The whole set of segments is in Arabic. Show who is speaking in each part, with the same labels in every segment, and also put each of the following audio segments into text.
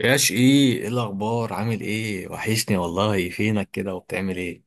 Speaker 1: ياش ايه، ايه الاخبار؟ عامل ايه؟ وحشني والله، فينك كده وبتعمل ايه؟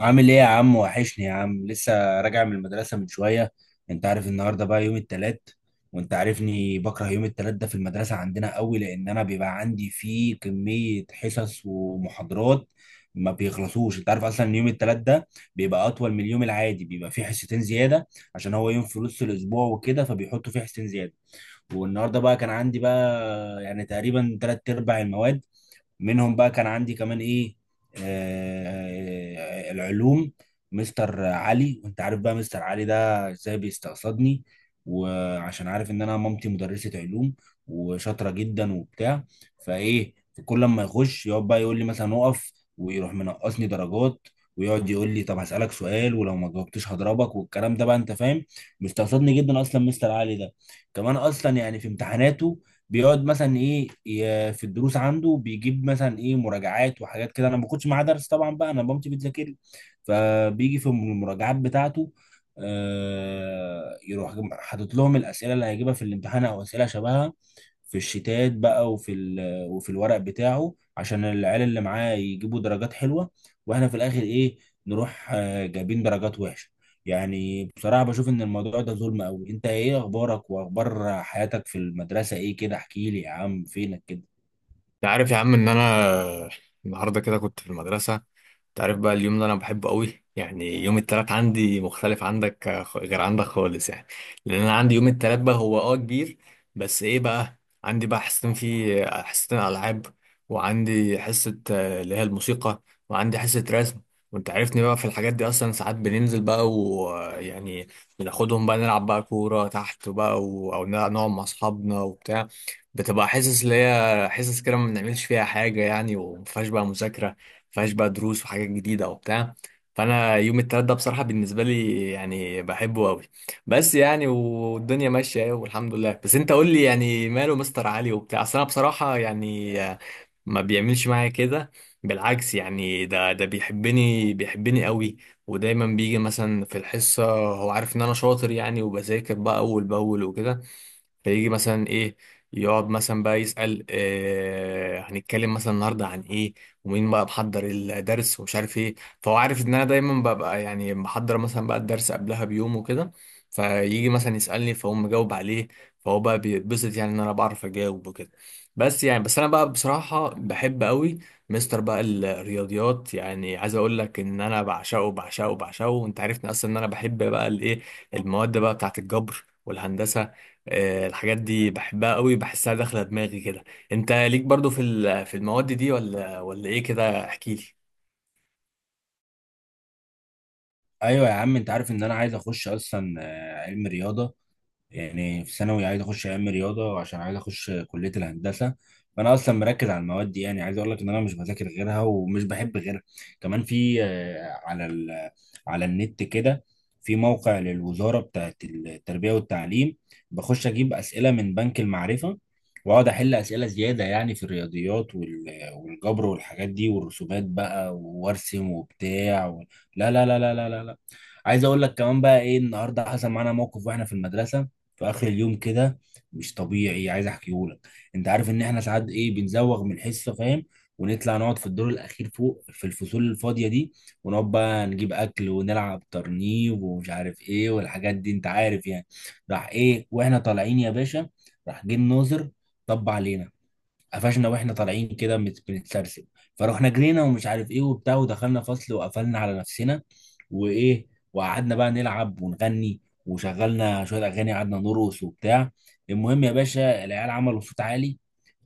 Speaker 2: عامل ايه يا عم، وحشني يا عم. لسه راجع من المدرسة من شوية. انت عارف النهاردة بقى يوم التلات، وانت عارفني بكره يوم التلات ده في المدرسة عندنا قوي، لان انا بيبقى عندي فيه كمية حصص ومحاضرات ما بيخلصوش. انت عارف اصلا ان يوم التلات ده بيبقى اطول من اليوم العادي، بيبقى فيه حصتين زيادة عشان هو يوم في نص الاسبوع وكده، فبيحطوا فيه حصتين زيادة. والنهارده بقى كان عندي بقى يعني تقريبا تلات ارباع المواد، منهم بقى كان عندي كمان ايه، آه العلوم. مستر علي، وانت عارف بقى مستر علي ده ازاي بيستقصدني، وعشان عارف ان انا مامتي مدرسة علوم وشاطرة جدا وبتاع، فايه كل ما يخش يقعد بقى يقول لي مثلا اقف ويروح منقصني درجات، ويقعد يقول لي طب هسألك سؤال ولو ما جاوبتش هضربك، والكلام ده بقى انت فاهم. مستقصدني جدا اصلا مستر علي ده. كمان اصلا يعني في امتحاناته بيقعد مثلا ايه في الدروس عنده بيجيب مثلا ايه مراجعات وحاجات كده. انا ما باخدش معاه درس طبعا بقى، انا مامتي بتذاكر لي، فبيجي في المراجعات بتاعته آه، يروح حاطط لهم الاسئله اللي هيجيبها في الامتحان او اسئله شبهها في الشتات بقى وفي وفي الورق بتاعه عشان العيال اللي معاه يجيبوا درجات حلوه، واحنا في الاخر ايه، نروح آه، جايبين درجات وحشه. يعني بصراحة بشوف إن الموضوع ده ظلم أوي. أنت إيه أخبارك وأخبار حياتك في المدرسة إيه كده؟ احكي لي يا عم، فينك كده؟
Speaker 1: انت عارف يا عم ان انا النهارده كده كنت في المدرسه. تعرف بقى اليوم اللي انا بحبه قوي، يعني يوم التلات عندي مختلف عندك، غير عندك خالص يعني. لان انا عندي يوم التلات بقى هو كبير. بس ايه، بقى عندي بقى حصتين فيه، حصتين العاب. وعندي حصة اللي هي الموسيقى. وعندي حصة رسم. وانت عارفني بقى في الحاجات دي اصلا ساعات بننزل بقى ويعني بناخدهم بقى نلعب بقى كورة تحت بقى او نلعب، نقعد مع اصحابنا وبتاع. بتبقى حصص اللي هي حصص كده ما بنعملش فيها حاجة يعني، ومفيهاش بقى مذاكرة، فيهاش بقى دروس وحاجات جديده وبتاع. فانا يوم التلات ده بصراحه بالنسبه لي يعني بحبه قوي. بس يعني والدنيا ماشيه اهي والحمد لله. بس انت قول لي يعني ماله مستر علي وبتاع، اصل انا بصراحه يعني، ما بيعملش معايا كده، بالعكس يعني، ده بيحبني بيحبني قوي. ودايما بيجي مثلا في الحصه، هو عارف ان انا شاطر يعني وبذاكر بقى اول باول وكده، فيجي مثلا ايه، يقعد مثلا بقى يسأل هنتكلم مثلا النهارده عن ايه ومين بقى محضر الدرس ومش عارف ايه. فهو عارف ان انا دايما ببقى يعني محضر مثلا بقى الدرس قبلها بيوم وكده، فيجي مثلا يسألني فاقوم مجاوب عليه، فهو بقى بيتبسط يعني ان انا بعرف اجاوب وكده. بس يعني، بس انا بقى بصراحة بحب قوي مستر بقى الرياضيات، يعني عايز اقول لك ان انا بعشقه بعشقه بعشقه. وانت عرفني اصلا ان انا بحب بقى الايه، المواد بقى بتاعت الجبر والهندسة. الحاجات دي بحبها قوي، بحسها داخلة دماغي كده. انت ليك برضو في المواد دي ولا ايه كده؟ احكي لي.
Speaker 2: أيوه يا عم، أنت عارف إن أنا عايز أخش أصلا آه، علم رياضة. يعني في ثانوي عايز اخش ايام رياضه عشان عايز اخش كليه الهندسه، فانا اصلا مركز على المواد دي. يعني عايز اقول لك ان انا مش بذاكر غيرها ومش بحب غيرها. كمان في آه، على ال، على النت كده في موقع للوزاره بتاعه التربيه والتعليم، بخش اجيب اسئله من بنك المعرفه، واقعد احل اسئله زياده يعني في الرياضيات والجبر والحاجات دي والرسومات بقى وارسم وبتاع و... لا لا لا لا لا لا. عايز اقول لك كمان بقى ايه، النهارده حصل معانا موقف واحنا في المدرسه في اخر اليوم كده، مش طبيعي، عايز احكيه لك. انت عارف ان احنا ساعات ايه بنزوغ من الحصه، فاهم، ونطلع نقعد في الدور الاخير فوق في الفصول الفاضيه دي، ونقعد بقى نجيب اكل ونلعب ترنيب ومش عارف ايه والحاجات دي، انت عارف يعني. راح ايه واحنا طالعين يا باشا، راح جه الناظر، طب علينا، قفشنا واحنا طالعين كده بنتسرسب، فروحنا جرينا ومش عارف ايه وبتاع ودخلنا فصل وقفلنا على نفسنا. وايه، وقعدنا بقى نلعب ونغني وشغلنا شويه اغاني، قعدنا نرقص وبتاع. المهم يا باشا العيال عملوا صوت عالي،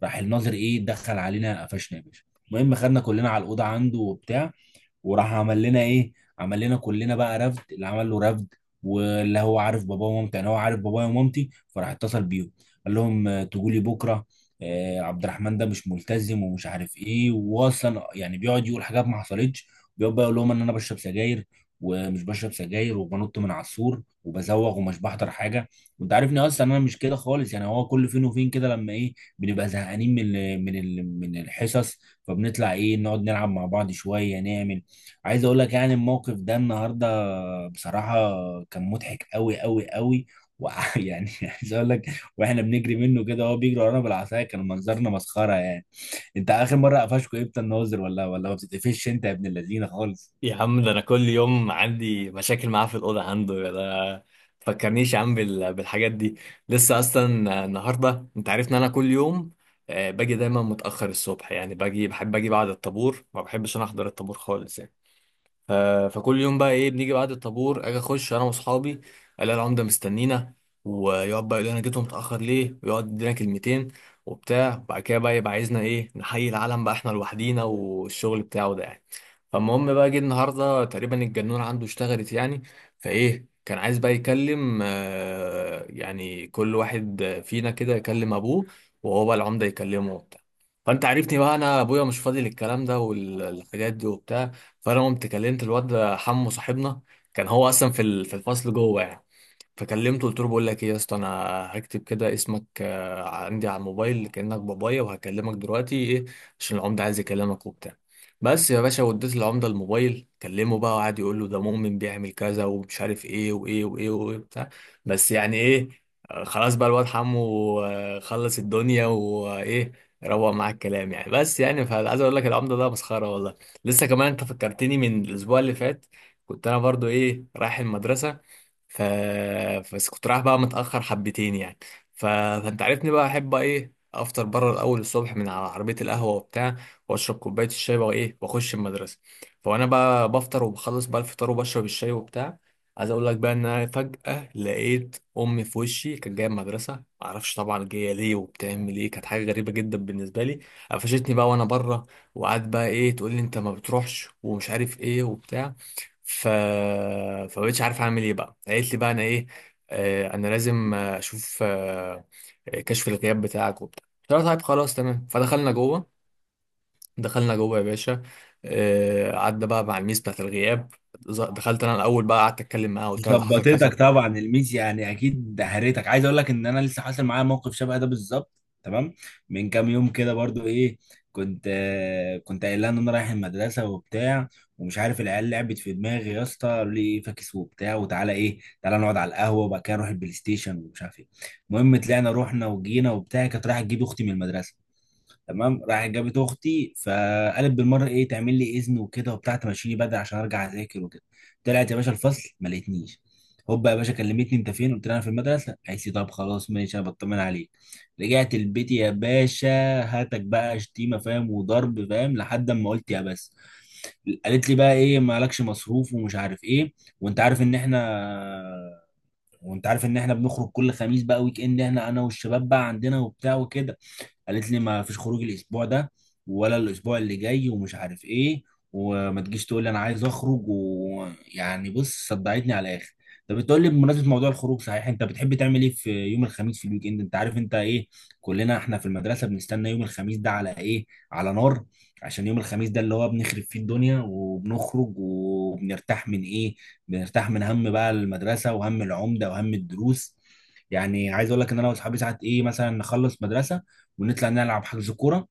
Speaker 2: راح الناظر ايه دخل علينا، قفشنا يا باشا. المهم خدنا كلنا على الاوضه عنده وبتاع، وراح عمل لنا ايه، عمل لنا كلنا بقى رفد، اللي عمل له رفد، واللي هو عارف باباه ومامتي، انا هو عارف بابايا ومامتي، فراح اتصل بيهم. قال لهم آه، تجوا لي بكره، آه، عبد الرحمن ده مش ملتزم ومش عارف ايه، واصلا يعني بيقعد يقول حاجات ما حصلتش. بيقعد بقى يقول لهم ان انا بشرب سجاير، ومش بشرب سجاير، وبنط من على السور وبزوغ ومش بحضر حاجه، وانت عارفني اصلا انا مش كده خالص. يعني هو كل فين وفين كده لما ايه بنبقى زهقانين من الحصص، فبنطلع ايه نقعد نلعب مع بعض شويه نعمل. عايز اقول لك يعني الموقف ده النهارده بصراحه كان مضحك قوي قوي قوي، ويعني عايز اقول لك، واحنا بنجري منه كده وهو بيجري ورانا بالعصايه، كان منظرنا مسخره يعني. انت اخر مره قفشكوا امتى الناظر؟ ولا ولا ما بتتقفش انت يا ابن اللذينه خالص؟
Speaker 1: يا عم ده انا كل يوم عندي مشاكل معاه في الاوضه عنده ده. فكرنيش يا عم بالحاجات دي. لسه اصلا النهارده انت عارف ان انا كل يوم باجي دايما متاخر الصبح، يعني باجي بحب اجي بعد الطابور، ما بحبش انا احضر الطابور خالص يعني. ف- فكل يوم بقى ايه بنيجي بعد الطابور، اجي اخش انا واصحابي الاقي العمده مستنينا، ويقعد بقى يقول لي انا جيتهم متاخر ليه، ويقعد يدينا كلمتين وبتاع. بعد كده بقى يبقى عايزنا ايه نحيي العالم بقى احنا لوحدينا والشغل بتاعه ده يعني. فالمهم بقى جه النهارده تقريبا الجنون عنده اشتغلت يعني. فايه كان عايز بقى يكلم، يعني كل واحد فينا كده يكلم ابوه، وهو بقى العمده يكلمه وبتاع. فانت عرفتني بقى انا ابويا مش فاضي للكلام ده والحاجات دي وبتاع. فانا قمت كلمت الواد حمو صاحبنا، كان هو اصلا في الفصل جوه يعني. فكلمته قلت له بقول لك ايه يا اسطى، انا هكتب كده اسمك عندي على الموبايل كأنك بابايا، وهكلمك دلوقتي ايه عشان العمده عايز يكلمك وبتاع. بس يا باشا وديت العمده الموبايل كلمه بقى، وقعد يقول له ده مؤمن بيعمل كذا ومش عارف ايه وايه وايه وايه بتاع. بس يعني ايه، خلاص بقى الواد حمو خلص الدنيا وايه، روق معاك الكلام يعني. بس يعني فعايز اقول لك العمده ده مسخره والله. لسه كمان انت فكرتني من الاسبوع اللي فات، كنت انا برضو ايه رايح المدرسه، ف... بس كنت رايح بقى متأخر حبتين يعني. فانت عارفني بقى احب بقى ايه افطر بره الاول الصبح من على عربية القهوة وبتاع، واشرب كوباية الشاي بقى ايه واخش المدرسة. فانا بقى بفطر وبخلص بقى الفطار وبشرب الشاي وبتاع. عايز اقول لك بقى ان انا فجأة لقيت امي في وشي، كانت جاية المدرسة معرفش طبعا جاية ليه وبتعمل ايه، كانت حاجة غريبة جدا بالنسبة لي. قفشتني بقى وانا بره، وقعدت بقى ايه تقول لي انت ما بتروحش ومش عارف ايه وبتاع. ف فبقيتش عارف اعمل ايه بقى، قالت لي بقى انا ايه، انا لازم اشوف كشف الغياب بتاعك وبتاع. قلت لها طيب خلاص تمام، فدخلنا جوه. دخلنا جوه يا باشا، قعدنا بقى مع الميس بتاعت الغياب. دخلت انا الاول بقى قعدت اتكلم معاها قلت لها ده حصل
Speaker 2: ظبطتك
Speaker 1: كذا.
Speaker 2: طبعا الميس، يعني اكيد دهرتك. عايز اقول لك ان انا لسه حاصل معايا موقف شبه ده بالظبط، تمام، من كام يوم كده برضو ايه. كنت آه، كنت قايل لها ان انا رايح المدرسه وبتاع، ومش عارف العيال لعبت في دماغي يا اسطى، قالوا لي ايه فاكس وبتاع، وتعالى ايه تعالى نقعد على القهوه وبعد كده نروح البلاي ستيشن ومش عارف ايه. المهم طلعنا رحنا وجينا وبتاع. كانت رايحه تجيب اختي من المدرسه، تمام، راحت جابت اختي فقالت بالمره ايه تعمل لي اذن وكده وبتاع، تمشيني بدري عشان ارجع اذاكر وكده. طلعت يا باشا الفصل ما لقيتنيش، هوبا يا باشا كلمتني انت فين، قلت لها انا في المدرسه، قالت لي طب خلاص ماشي انا بطمن عليك. رجعت البيت يا باشا، هاتك بقى شتيمه فاهم وضرب فاهم لحد اما قلت يا بس. قالت لي بقى ايه مالكش مصروف ومش عارف ايه، وانت عارف ان احنا، وانت عارف ان احنا بنخرج كل خميس بقى ويك اند، احنا انا والشباب بقى عندنا وبتاع وكده. قالت لي ما فيش خروج الاسبوع ده ولا الاسبوع اللي جاي ومش عارف ايه، وما تجيش تقول لي انا عايز اخرج، ويعني بص صدعتني على الاخر. طب بتقول لي بمناسبه موضوع الخروج، صحيح انت بتحب تعمل ايه في يوم الخميس في الويك اند؟ انت عارف انت ايه؟ كلنا احنا في المدرسه بنستنى يوم الخميس ده على ايه؟ على نار، عشان يوم الخميس ده اللي هو بنخرب فيه الدنيا وبنخرج وبنرتاح من ايه، بنرتاح من هم بقى المدرسه وهم العمده وهم الدروس. يعني عايز اقول لك ان انا واصحابي ساعات ايه مثلا نخلص مدرسه، ونطلع نلعب حجز كوره،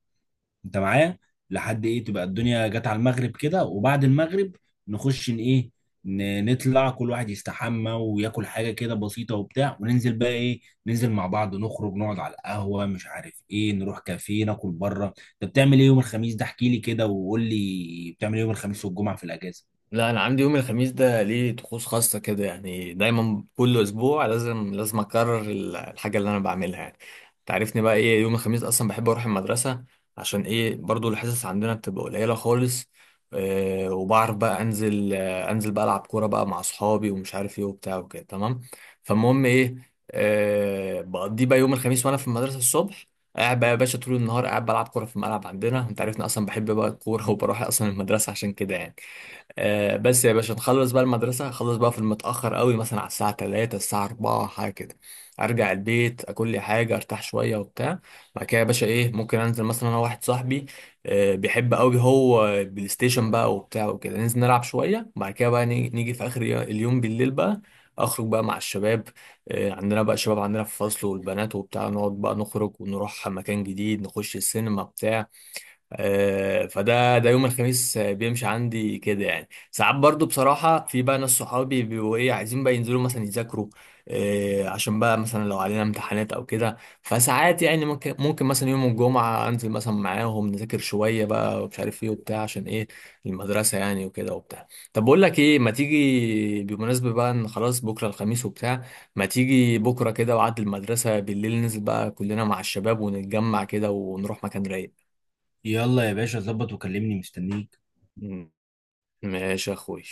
Speaker 2: انت معايا، لحد ايه تبقى الدنيا جت على المغرب كده، وبعد المغرب نخش ان ايه، نطلع كل واحد يستحمى وياكل حاجه كده بسيطه وبتاع، وننزل بقى ايه، ننزل مع بعض نخرج نقعد على القهوه مش عارف ايه نروح كافيه ناكل بره. انت بتعمل ايه يوم الخميس ده؟ احكي لي كده وقول لي بتعمل ايه يوم الخميس والجمعه في الاجازه.
Speaker 1: لا، انا عندي يوم الخميس ده ليه طقوس خاصه كده يعني، دايما كل اسبوع لازم لازم اكرر الحاجه اللي انا بعملها يعني. تعرفني بقى ايه يوم الخميس اصلا بحب اروح المدرسه، عشان ايه برضو الحصص عندنا بتبقى قليله خالص. وبعرف بقى انزل بقى العب كوره بقى مع اصحابي ومش عارف ايه وبتاع وكده تمام. فالمهم ايه بقضي بقى يوم الخميس وانا في المدرسه الصبح، قاعد بقى يا باشا طول النهار قاعد بلعب كوره في الملعب عندنا، انت عارفني اصلا بحب بقى الكوره وبروح اصلا المدرسه عشان كده يعني. بس يا باشا نخلص بقى المدرسة، خلص بقى في المتأخر قوي، مثلا على الساعة 3 الساعة 4 حاجة كده. أرجع البيت، أكل لي حاجة أرتاح شوية وبتاع. بعد كده يا باشا إيه ممكن أنزل مثلا أنا واحد صاحبي بيحب قوي هو بلاي ستيشن بقى وبتاع وكده، ننزل نلعب شوية، وبعد كده بقى نيجي في آخر اليوم بالليل بقى أخرج بقى مع الشباب. عندنا بقى شباب عندنا في الفصل والبنات وبتاع، نقعد بقى نخرج ونروح مكان جديد، نخش السينما بتاع. فده ده يوم الخميس بيمشي عندي كده يعني. ساعات برضو بصراحة في بقى ناس صحابي بيبقوا ايه عايزين بقى ينزلوا مثلا يذاكروا، عشان بقى مثلا لو علينا امتحانات او كده، فساعات يعني ممكن مثلا يوم الجمعة انزل مثلا معاهم نذاكر شوية بقى ومش عارف ايه وبتاع عشان ايه المدرسة يعني وكده وبتاع. طب بقول لك ايه، ما تيجي بمناسبة بقى ان خلاص بكرة الخميس وبتاع، ما تيجي بكرة كده وعد المدرسة بالليل، ننزل بقى كلنا مع الشباب ونتجمع كده ونروح مكان رايق.
Speaker 2: يلا يا باشا ظبط وكلمني مستنيك.
Speaker 1: ماشي يا اخوي.